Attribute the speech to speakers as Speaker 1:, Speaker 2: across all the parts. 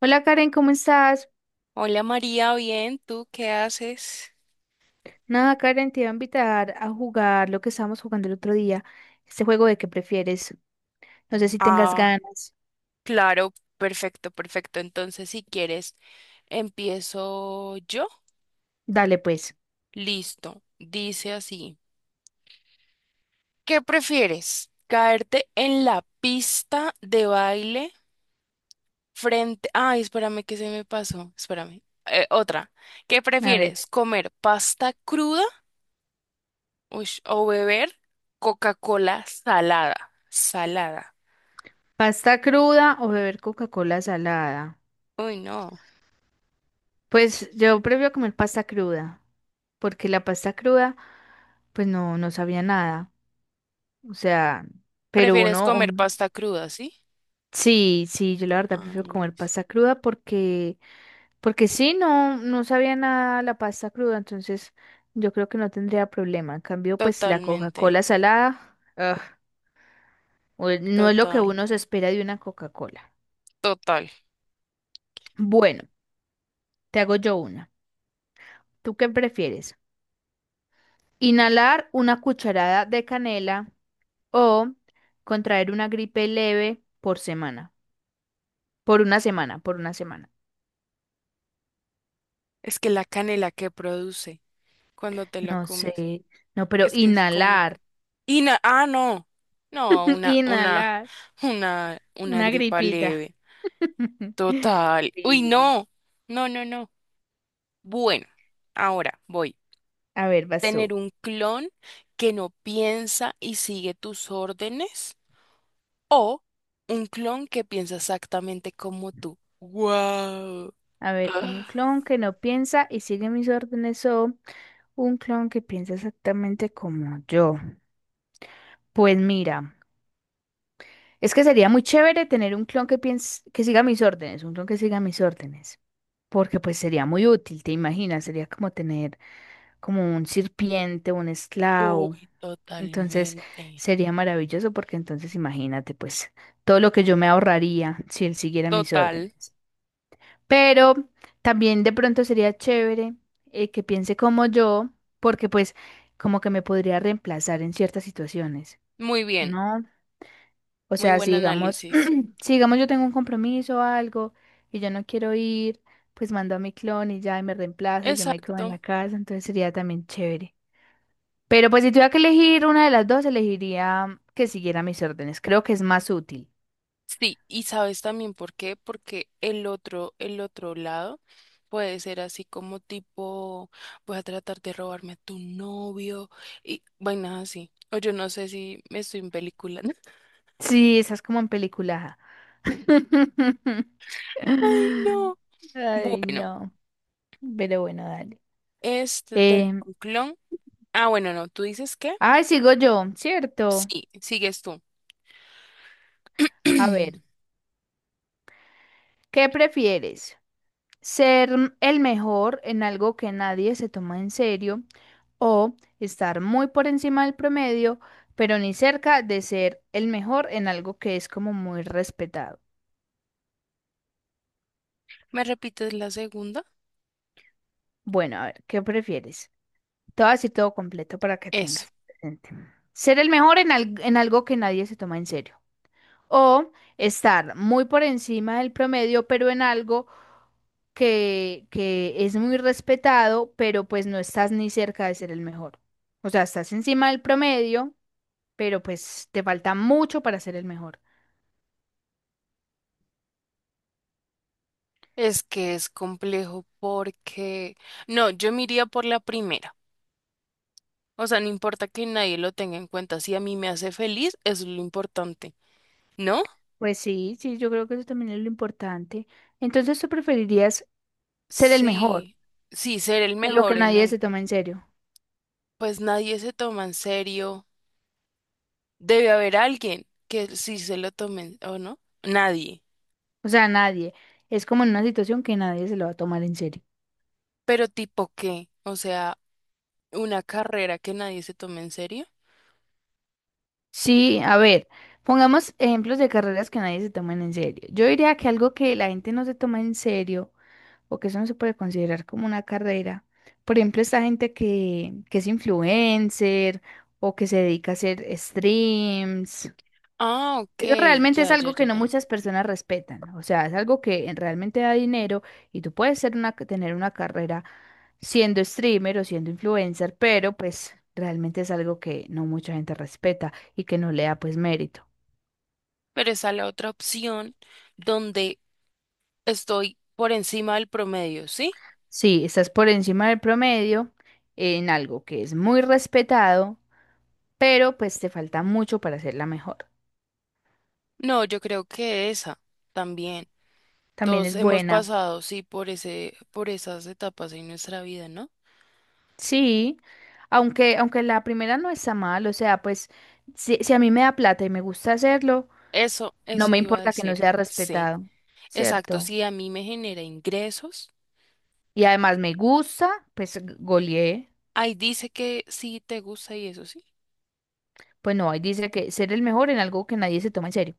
Speaker 1: Hola Karen, ¿cómo estás?
Speaker 2: Hola María, bien, ¿tú qué haces?
Speaker 1: Nada, Karen, te iba a invitar a jugar lo que estábamos jugando el otro día, este juego de qué prefieres. No sé si tengas
Speaker 2: Ah,
Speaker 1: ganas.
Speaker 2: claro, perfecto, perfecto. Entonces, si quieres, empiezo yo.
Speaker 1: Dale pues.
Speaker 2: Listo, dice así. ¿Qué prefieres? ¿Caerte en la pista de baile frente... Ay, espérame que se me pasó, espérame. Otra. ¿Qué
Speaker 1: A ver.
Speaker 2: prefieres? ¿Comer pasta cruda, ush, o beber Coca-Cola salada? Salada.
Speaker 1: ¿Pasta cruda o beber Coca-Cola salada?
Speaker 2: Uy, no.
Speaker 1: Pues yo prefiero comer pasta cruda, porque la pasta cruda, pues no, no sabía nada. O sea, pero
Speaker 2: ¿Prefieres
Speaker 1: uno,
Speaker 2: comer pasta cruda, sí?
Speaker 1: sí, sí, yo la verdad prefiero comer
Speaker 2: Ángeles.
Speaker 1: pasta cruda porque porque sí, no, no sabía nada la pasta cruda, entonces yo creo que no tendría problema. En cambio, pues la
Speaker 2: Totalmente,
Speaker 1: Coca-Cola salada, ugh, no es lo que
Speaker 2: total,
Speaker 1: uno se espera de una Coca-Cola.
Speaker 2: total.
Speaker 1: Bueno, te hago yo una. ¿Tú qué prefieres? ¿Inhalar una cucharada de canela o contraer una gripe leve por semana? Por una semana, por una semana.
Speaker 2: Es que la canela que produce cuando te la
Speaker 1: No
Speaker 2: comes,
Speaker 1: sé, no, pero
Speaker 2: es que es como...
Speaker 1: inhalar,
Speaker 2: No, no, una, una,
Speaker 1: inhalar,
Speaker 2: una, una
Speaker 1: una
Speaker 2: gripa
Speaker 1: gripita.
Speaker 2: leve. Total. Uy,
Speaker 1: Sí.
Speaker 2: no, no, no, no. Bueno, ahora voy.
Speaker 1: A ver, vas
Speaker 2: Tener
Speaker 1: tú.
Speaker 2: un clon que no piensa y sigue tus órdenes o un clon que piensa exactamente como tú. Wow.
Speaker 1: A ver, un clon que no piensa y sigue mis órdenes o un clon que piensa exactamente como yo. Pues mira, es que sería muy chévere tener un clon que piense, que siga mis órdenes, un clon que siga mis órdenes, porque pues sería muy útil, ¿te imaginas? Sería como tener como un sirviente, un esclavo.
Speaker 2: Uy,
Speaker 1: Entonces
Speaker 2: totalmente.
Speaker 1: sería maravilloso porque entonces imagínate pues todo lo que yo me ahorraría si él siguiera mis
Speaker 2: Total.
Speaker 1: órdenes. Pero también de pronto sería chévere que piense como yo, porque pues como que me podría reemplazar en ciertas situaciones,
Speaker 2: Muy bien.
Speaker 1: ¿no? O
Speaker 2: Muy
Speaker 1: sea, si
Speaker 2: buen
Speaker 1: digamos,
Speaker 2: análisis.
Speaker 1: si digamos yo tengo un compromiso o algo y yo no quiero ir, pues mando a mi clon y ya y me reemplaza y yo me quedo en
Speaker 2: Exacto.
Speaker 1: la casa, entonces sería también chévere. Pero pues si tuviera que elegir una de las dos, elegiría que siguiera mis órdenes. Creo que es más útil.
Speaker 2: Sí, y sabes también por qué, porque el otro lado puede ser así como tipo, voy a tratar de robarme a tu novio y vainas así. O yo no sé si me estoy en película.
Speaker 1: Sí, esas como en película.
Speaker 2: Ay, no.
Speaker 1: Ay,
Speaker 2: Bueno,
Speaker 1: no. Pero bueno, dale.
Speaker 2: este tengo
Speaker 1: Em,
Speaker 2: un clon. Ah, bueno, no, ¿tú dices qué?
Speaker 1: ay, sigo yo, ¿cierto?
Speaker 2: Sí, sigues tú.
Speaker 1: A ver, ¿qué prefieres? ¿Ser el mejor en algo que nadie se toma en serio o estar muy por encima del promedio, pero ni cerca de ser el mejor en algo que es como muy respetado?
Speaker 2: ¿Me repites la segunda?
Speaker 1: Bueno, a ver, ¿qué prefieres? Todo así, todo completo para que
Speaker 2: Eso.
Speaker 1: tengas presente. Ser el mejor en algo que nadie se toma en serio. O estar muy por encima del promedio, pero en algo que es muy respetado, pero pues no estás ni cerca de ser el mejor. O sea, estás encima del promedio, pero pues te falta mucho para ser el mejor.
Speaker 2: Es que es complejo porque, no, yo me iría por la primera. O sea, no importa que nadie lo tenga en cuenta. Si a mí me hace feliz, eso es lo importante, ¿no?
Speaker 1: Pues sí, sí, yo creo que eso también es lo importante. Entonces, ¿tú preferirías ser el mejor
Speaker 2: Sí, sí, ser el
Speaker 1: en lo que
Speaker 2: mejor en
Speaker 1: nadie
Speaker 2: el...
Speaker 1: se toma en serio?
Speaker 2: Pues nadie se toma en serio. Debe haber alguien que sí se lo tome, ¿o no? Nadie.
Speaker 1: O sea, nadie. Es como en una situación que nadie se lo va a tomar en serio.
Speaker 2: ¿Pero tipo qué? O sea, una carrera que nadie se tome en serio.
Speaker 1: Sí, a ver, pongamos ejemplos de carreras que nadie se toman en serio. Yo diría que algo que la gente no se toma en serio o que eso no se puede considerar como una carrera, por ejemplo, esta gente que es influencer o que se dedica a hacer streams,
Speaker 2: Ah, ok,
Speaker 1: eso realmente es
Speaker 2: ya, ya,
Speaker 1: algo que
Speaker 2: ya,
Speaker 1: no
Speaker 2: ya.
Speaker 1: muchas personas respetan. O sea, es algo que realmente da dinero y tú puedes ser tener una carrera siendo streamer o siendo influencer, pero pues realmente es algo que no mucha gente respeta y que no le da pues mérito.
Speaker 2: Pero esa es la otra opción donde estoy por encima del promedio, ¿sí?
Speaker 1: Sí, estás por encima del promedio en algo que es muy respetado, pero pues te falta mucho para hacerla mejor.
Speaker 2: No, yo creo que esa también.
Speaker 1: También
Speaker 2: Todos
Speaker 1: es
Speaker 2: hemos
Speaker 1: buena.
Speaker 2: pasado, sí, por esas etapas en nuestra vida, ¿no?
Speaker 1: Sí, aunque la primera no está mal, o sea, pues si a mí me da plata y me gusta hacerlo,
Speaker 2: Eso,
Speaker 1: no
Speaker 2: eso
Speaker 1: me
Speaker 2: iba a
Speaker 1: importa que no
Speaker 2: decir.
Speaker 1: sea
Speaker 2: Sí,
Speaker 1: respetado,
Speaker 2: exacto.
Speaker 1: ¿cierto?
Speaker 2: Sí, a mí me genera ingresos.
Speaker 1: Y además me gusta, pues goleé.
Speaker 2: Ahí dice que sí te gusta y eso, sí.
Speaker 1: Pues no, ahí dice que ser el mejor en algo que nadie se toma en serio.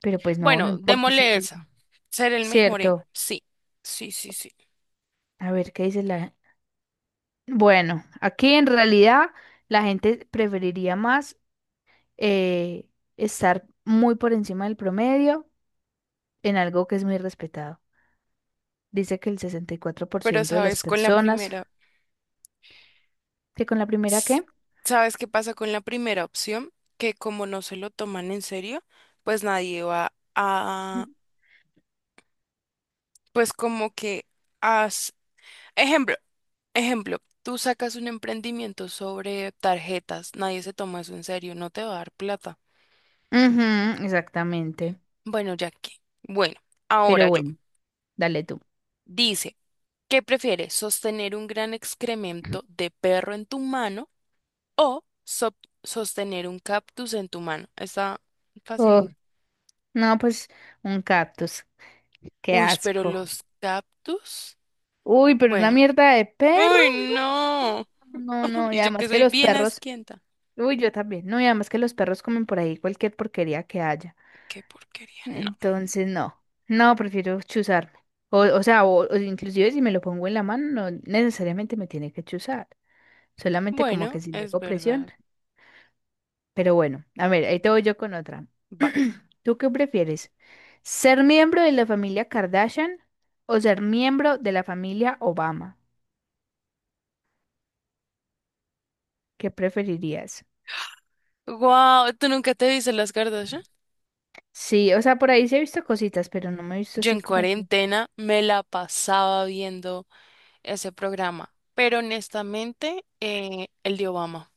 Speaker 1: Pero pues no, no
Speaker 2: Bueno,
Speaker 1: importa si no
Speaker 2: démosle
Speaker 1: se lo toma.
Speaker 2: esa. Ser el mejor en-
Speaker 1: ¿Cierto?
Speaker 2: sí, sí, sí, sí.
Speaker 1: A ver, ¿qué dice la, bueno, aquí en realidad la gente preferiría más eh, estar muy por encima del promedio en algo que es muy respetado. Dice que el sesenta y cuatro por
Speaker 2: Pero
Speaker 1: ciento de las
Speaker 2: sabes, con la
Speaker 1: personas
Speaker 2: primera.
Speaker 1: que con la primera
Speaker 2: s-
Speaker 1: qué.
Speaker 2: ¿Sabes qué pasa con la primera opción? Que como no se lo toman en serio, pues nadie va a, pues como que haz, ejemplo, ejemplo, tú sacas un emprendimiento sobre tarjetas, nadie se toma eso en serio, no te va a dar plata.
Speaker 1: Ujú, exactamente.
Speaker 2: Bueno, ya que, bueno, ahora
Speaker 1: Pero
Speaker 2: yo,
Speaker 1: bueno, dale tú.
Speaker 2: dice, ¿qué prefieres? ¿Sostener un gran excremento de perro en tu mano o sostener un cactus en tu mano? Está
Speaker 1: Oh,
Speaker 2: fácil.
Speaker 1: no, pues un cactus. Qué
Speaker 2: Uy, pero
Speaker 1: asco.
Speaker 2: los cactus.
Speaker 1: Uy, pero una
Speaker 2: Bueno.
Speaker 1: mierda de perro.
Speaker 2: Uy,
Speaker 1: No,
Speaker 2: no.
Speaker 1: no, no. No, no, y
Speaker 2: Y yo que
Speaker 1: además que
Speaker 2: soy
Speaker 1: los
Speaker 2: bien
Speaker 1: perros,
Speaker 2: asquienta.
Speaker 1: uy, yo también. No, y además que los perros comen por ahí cualquier porquería que haya.
Speaker 2: Qué porquería. No.
Speaker 1: Entonces, no. No, prefiero chuzarme. O sea, o inclusive si me lo pongo en la mano, no necesariamente me tiene que chuzar. Solamente como que
Speaker 2: Bueno,
Speaker 1: si le
Speaker 2: es
Speaker 1: hago presión.
Speaker 2: verdad.
Speaker 1: Pero bueno, a ver, ahí te voy yo con otra.
Speaker 2: Va.
Speaker 1: ¿Tú qué prefieres? ¿Ser miembro de la familia Kardashian o ser miembro de la familia Obama? ¿Qué preferirías?
Speaker 2: Wow, ¿tú nunca te viste las Kardashian?
Speaker 1: Sí, o sea, por ahí sí he visto cositas, pero no me he visto
Speaker 2: Yo
Speaker 1: así
Speaker 2: en
Speaker 1: como que...
Speaker 2: cuarentena me la pasaba viendo ese programa. Pero honestamente, el de Obama.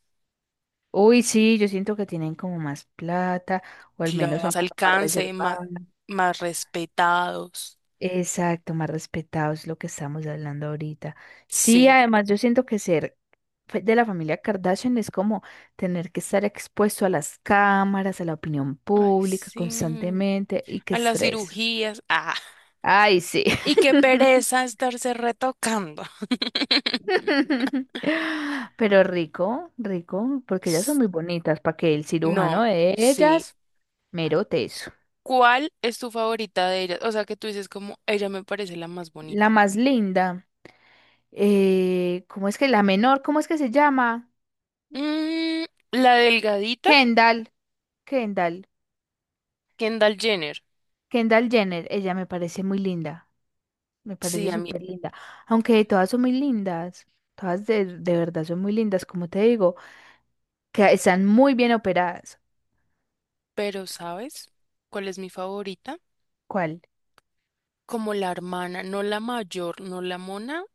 Speaker 1: Uy, sí, yo siento que tienen como más plata o al menos
Speaker 2: Claro.
Speaker 1: son
Speaker 2: Más
Speaker 1: como más
Speaker 2: alcance, más,
Speaker 1: reservados.
Speaker 2: más respetados.
Speaker 1: Exacto, más respetados, lo que estamos hablando ahorita. Sí,
Speaker 2: Sí.
Speaker 1: además yo siento que ser de la familia Kardashian es como tener que estar expuesto a las cámaras, a la opinión
Speaker 2: Ay,
Speaker 1: pública
Speaker 2: sí.
Speaker 1: constantemente y qué
Speaker 2: A las
Speaker 1: estrés.
Speaker 2: cirugías, ah.
Speaker 1: Ay, sí.
Speaker 2: Y qué pereza estarse retocando.
Speaker 1: Pero rico, rico, porque ellas son
Speaker 2: S-
Speaker 1: muy bonitas, para que el cirujano
Speaker 2: No,
Speaker 1: de
Speaker 2: sí.
Speaker 1: ellas mero teso.
Speaker 2: ¿Cuál es tu favorita de ellas? O sea, que tú dices como, ella me parece la más
Speaker 1: La
Speaker 2: bonita.
Speaker 1: más linda. Eh, ¿cómo es que la menor? ¿Cómo es que se llama?
Speaker 2: Mm, la delgadita,
Speaker 1: Kendall, Kendall,
Speaker 2: Kendall Jenner.
Speaker 1: Kendall Jenner. Ella me parece muy linda, me
Speaker 2: Sí,
Speaker 1: parece
Speaker 2: a mí.
Speaker 1: súper linda. Aunque todas son muy lindas, todas de verdad son muy lindas, como te digo, que están muy bien operadas.
Speaker 2: Pero, ¿sabes cuál es mi favorita?
Speaker 1: ¿Cuál?
Speaker 2: Como la hermana, no la mayor, no la mona,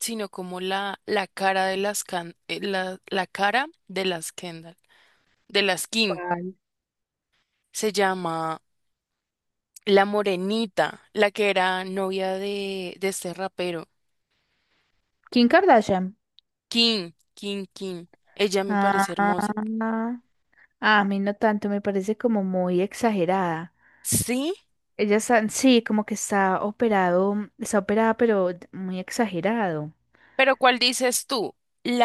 Speaker 2: sino como la cara de las la, la cara de las Kendall, de las Kim.
Speaker 1: ¿Cuál?
Speaker 2: Se llama la morenita, la que era novia de este rapero.
Speaker 1: Kim Kardashian.
Speaker 2: Kim, Kim, Kim. Ella me parece
Speaker 1: Ah,
Speaker 2: hermosa.
Speaker 1: a mí no tanto, me parece como muy exagerada.
Speaker 2: Sí,
Speaker 1: Ella está, sí, como que está operado, está operada, pero muy exagerado.
Speaker 2: pero ¿cuál dices tú?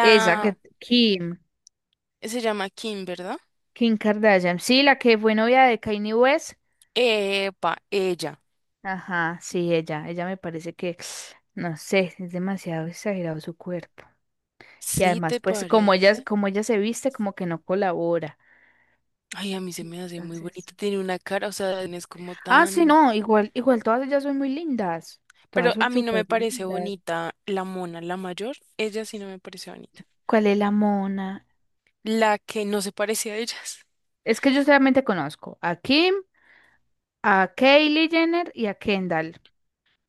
Speaker 1: Esa que Kim.
Speaker 2: Se llama Kim, ¿verdad?
Speaker 1: Kim Kardashian. Sí, la que fue novia de Kanye West.
Speaker 2: Epa, ella.
Speaker 1: Ajá, sí, ella. Ella me parece que, no sé, es demasiado exagerado su cuerpo. Y
Speaker 2: ¿Sí
Speaker 1: además,
Speaker 2: te
Speaker 1: pues,
Speaker 2: parece?
Speaker 1: como ella se viste, como que no colabora.
Speaker 2: Ay, a mí se me hace muy
Speaker 1: Entonces.
Speaker 2: bonita. Tiene una cara, o sea, no es como
Speaker 1: Ah, sí,
Speaker 2: tan...
Speaker 1: no, igual, igual todas ellas son muy lindas.
Speaker 2: Pero
Speaker 1: Todas
Speaker 2: a
Speaker 1: son
Speaker 2: mí no
Speaker 1: súper
Speaker 2: me parece
Speaker 1: lindas.
Speaker 2: bonita la mona, la mayor. Ella sí no me parece bonita.
Speaker 1: ¿Cuál es la mona?
Speaker 2: La que no se parece a ellas.
Speaker 1: Es que yo solamente conozco a Kim, a Kylie Jenner y a Kendall.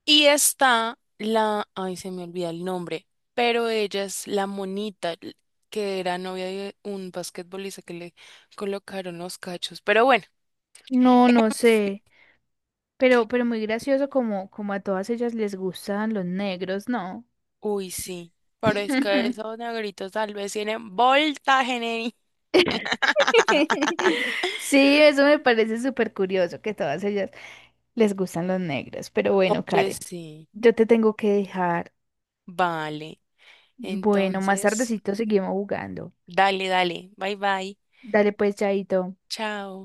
Speaker 2: Y está la, ay, se me olvida el nombre, pero ella es la que era novia de un basquetbolista que le colocaron los cachos. Pero bueno,
Speaker 1: No, no sé. Pero muy gracioso como, como a todas ellas les gustan los negros, ¿no?
Speaker 2: uy, sí, pero es que
Speaker 1: Ujú.
Speaker 2: esos negritos tal vez tienen voltaje, neni.
Speaker 1: Sí, eso me parece súper curioso que todas ellas les gustan los negros. Pero bueno,
Speaker 2: Oye,
Speaker 1: Karen,
Speaker 2: sí,
Speaker 1: yo te tengo que dejar.
Speaker 2: vale.
Speaker 1: Bueno, más
Speaker 2: Entonces,
Speaker 1: tardecito seguimos jugando.
Speaker 2: dale, dale. Bye, bye.
Speaker 1: Dale pues, Chaito.
Speaker 2: Chao.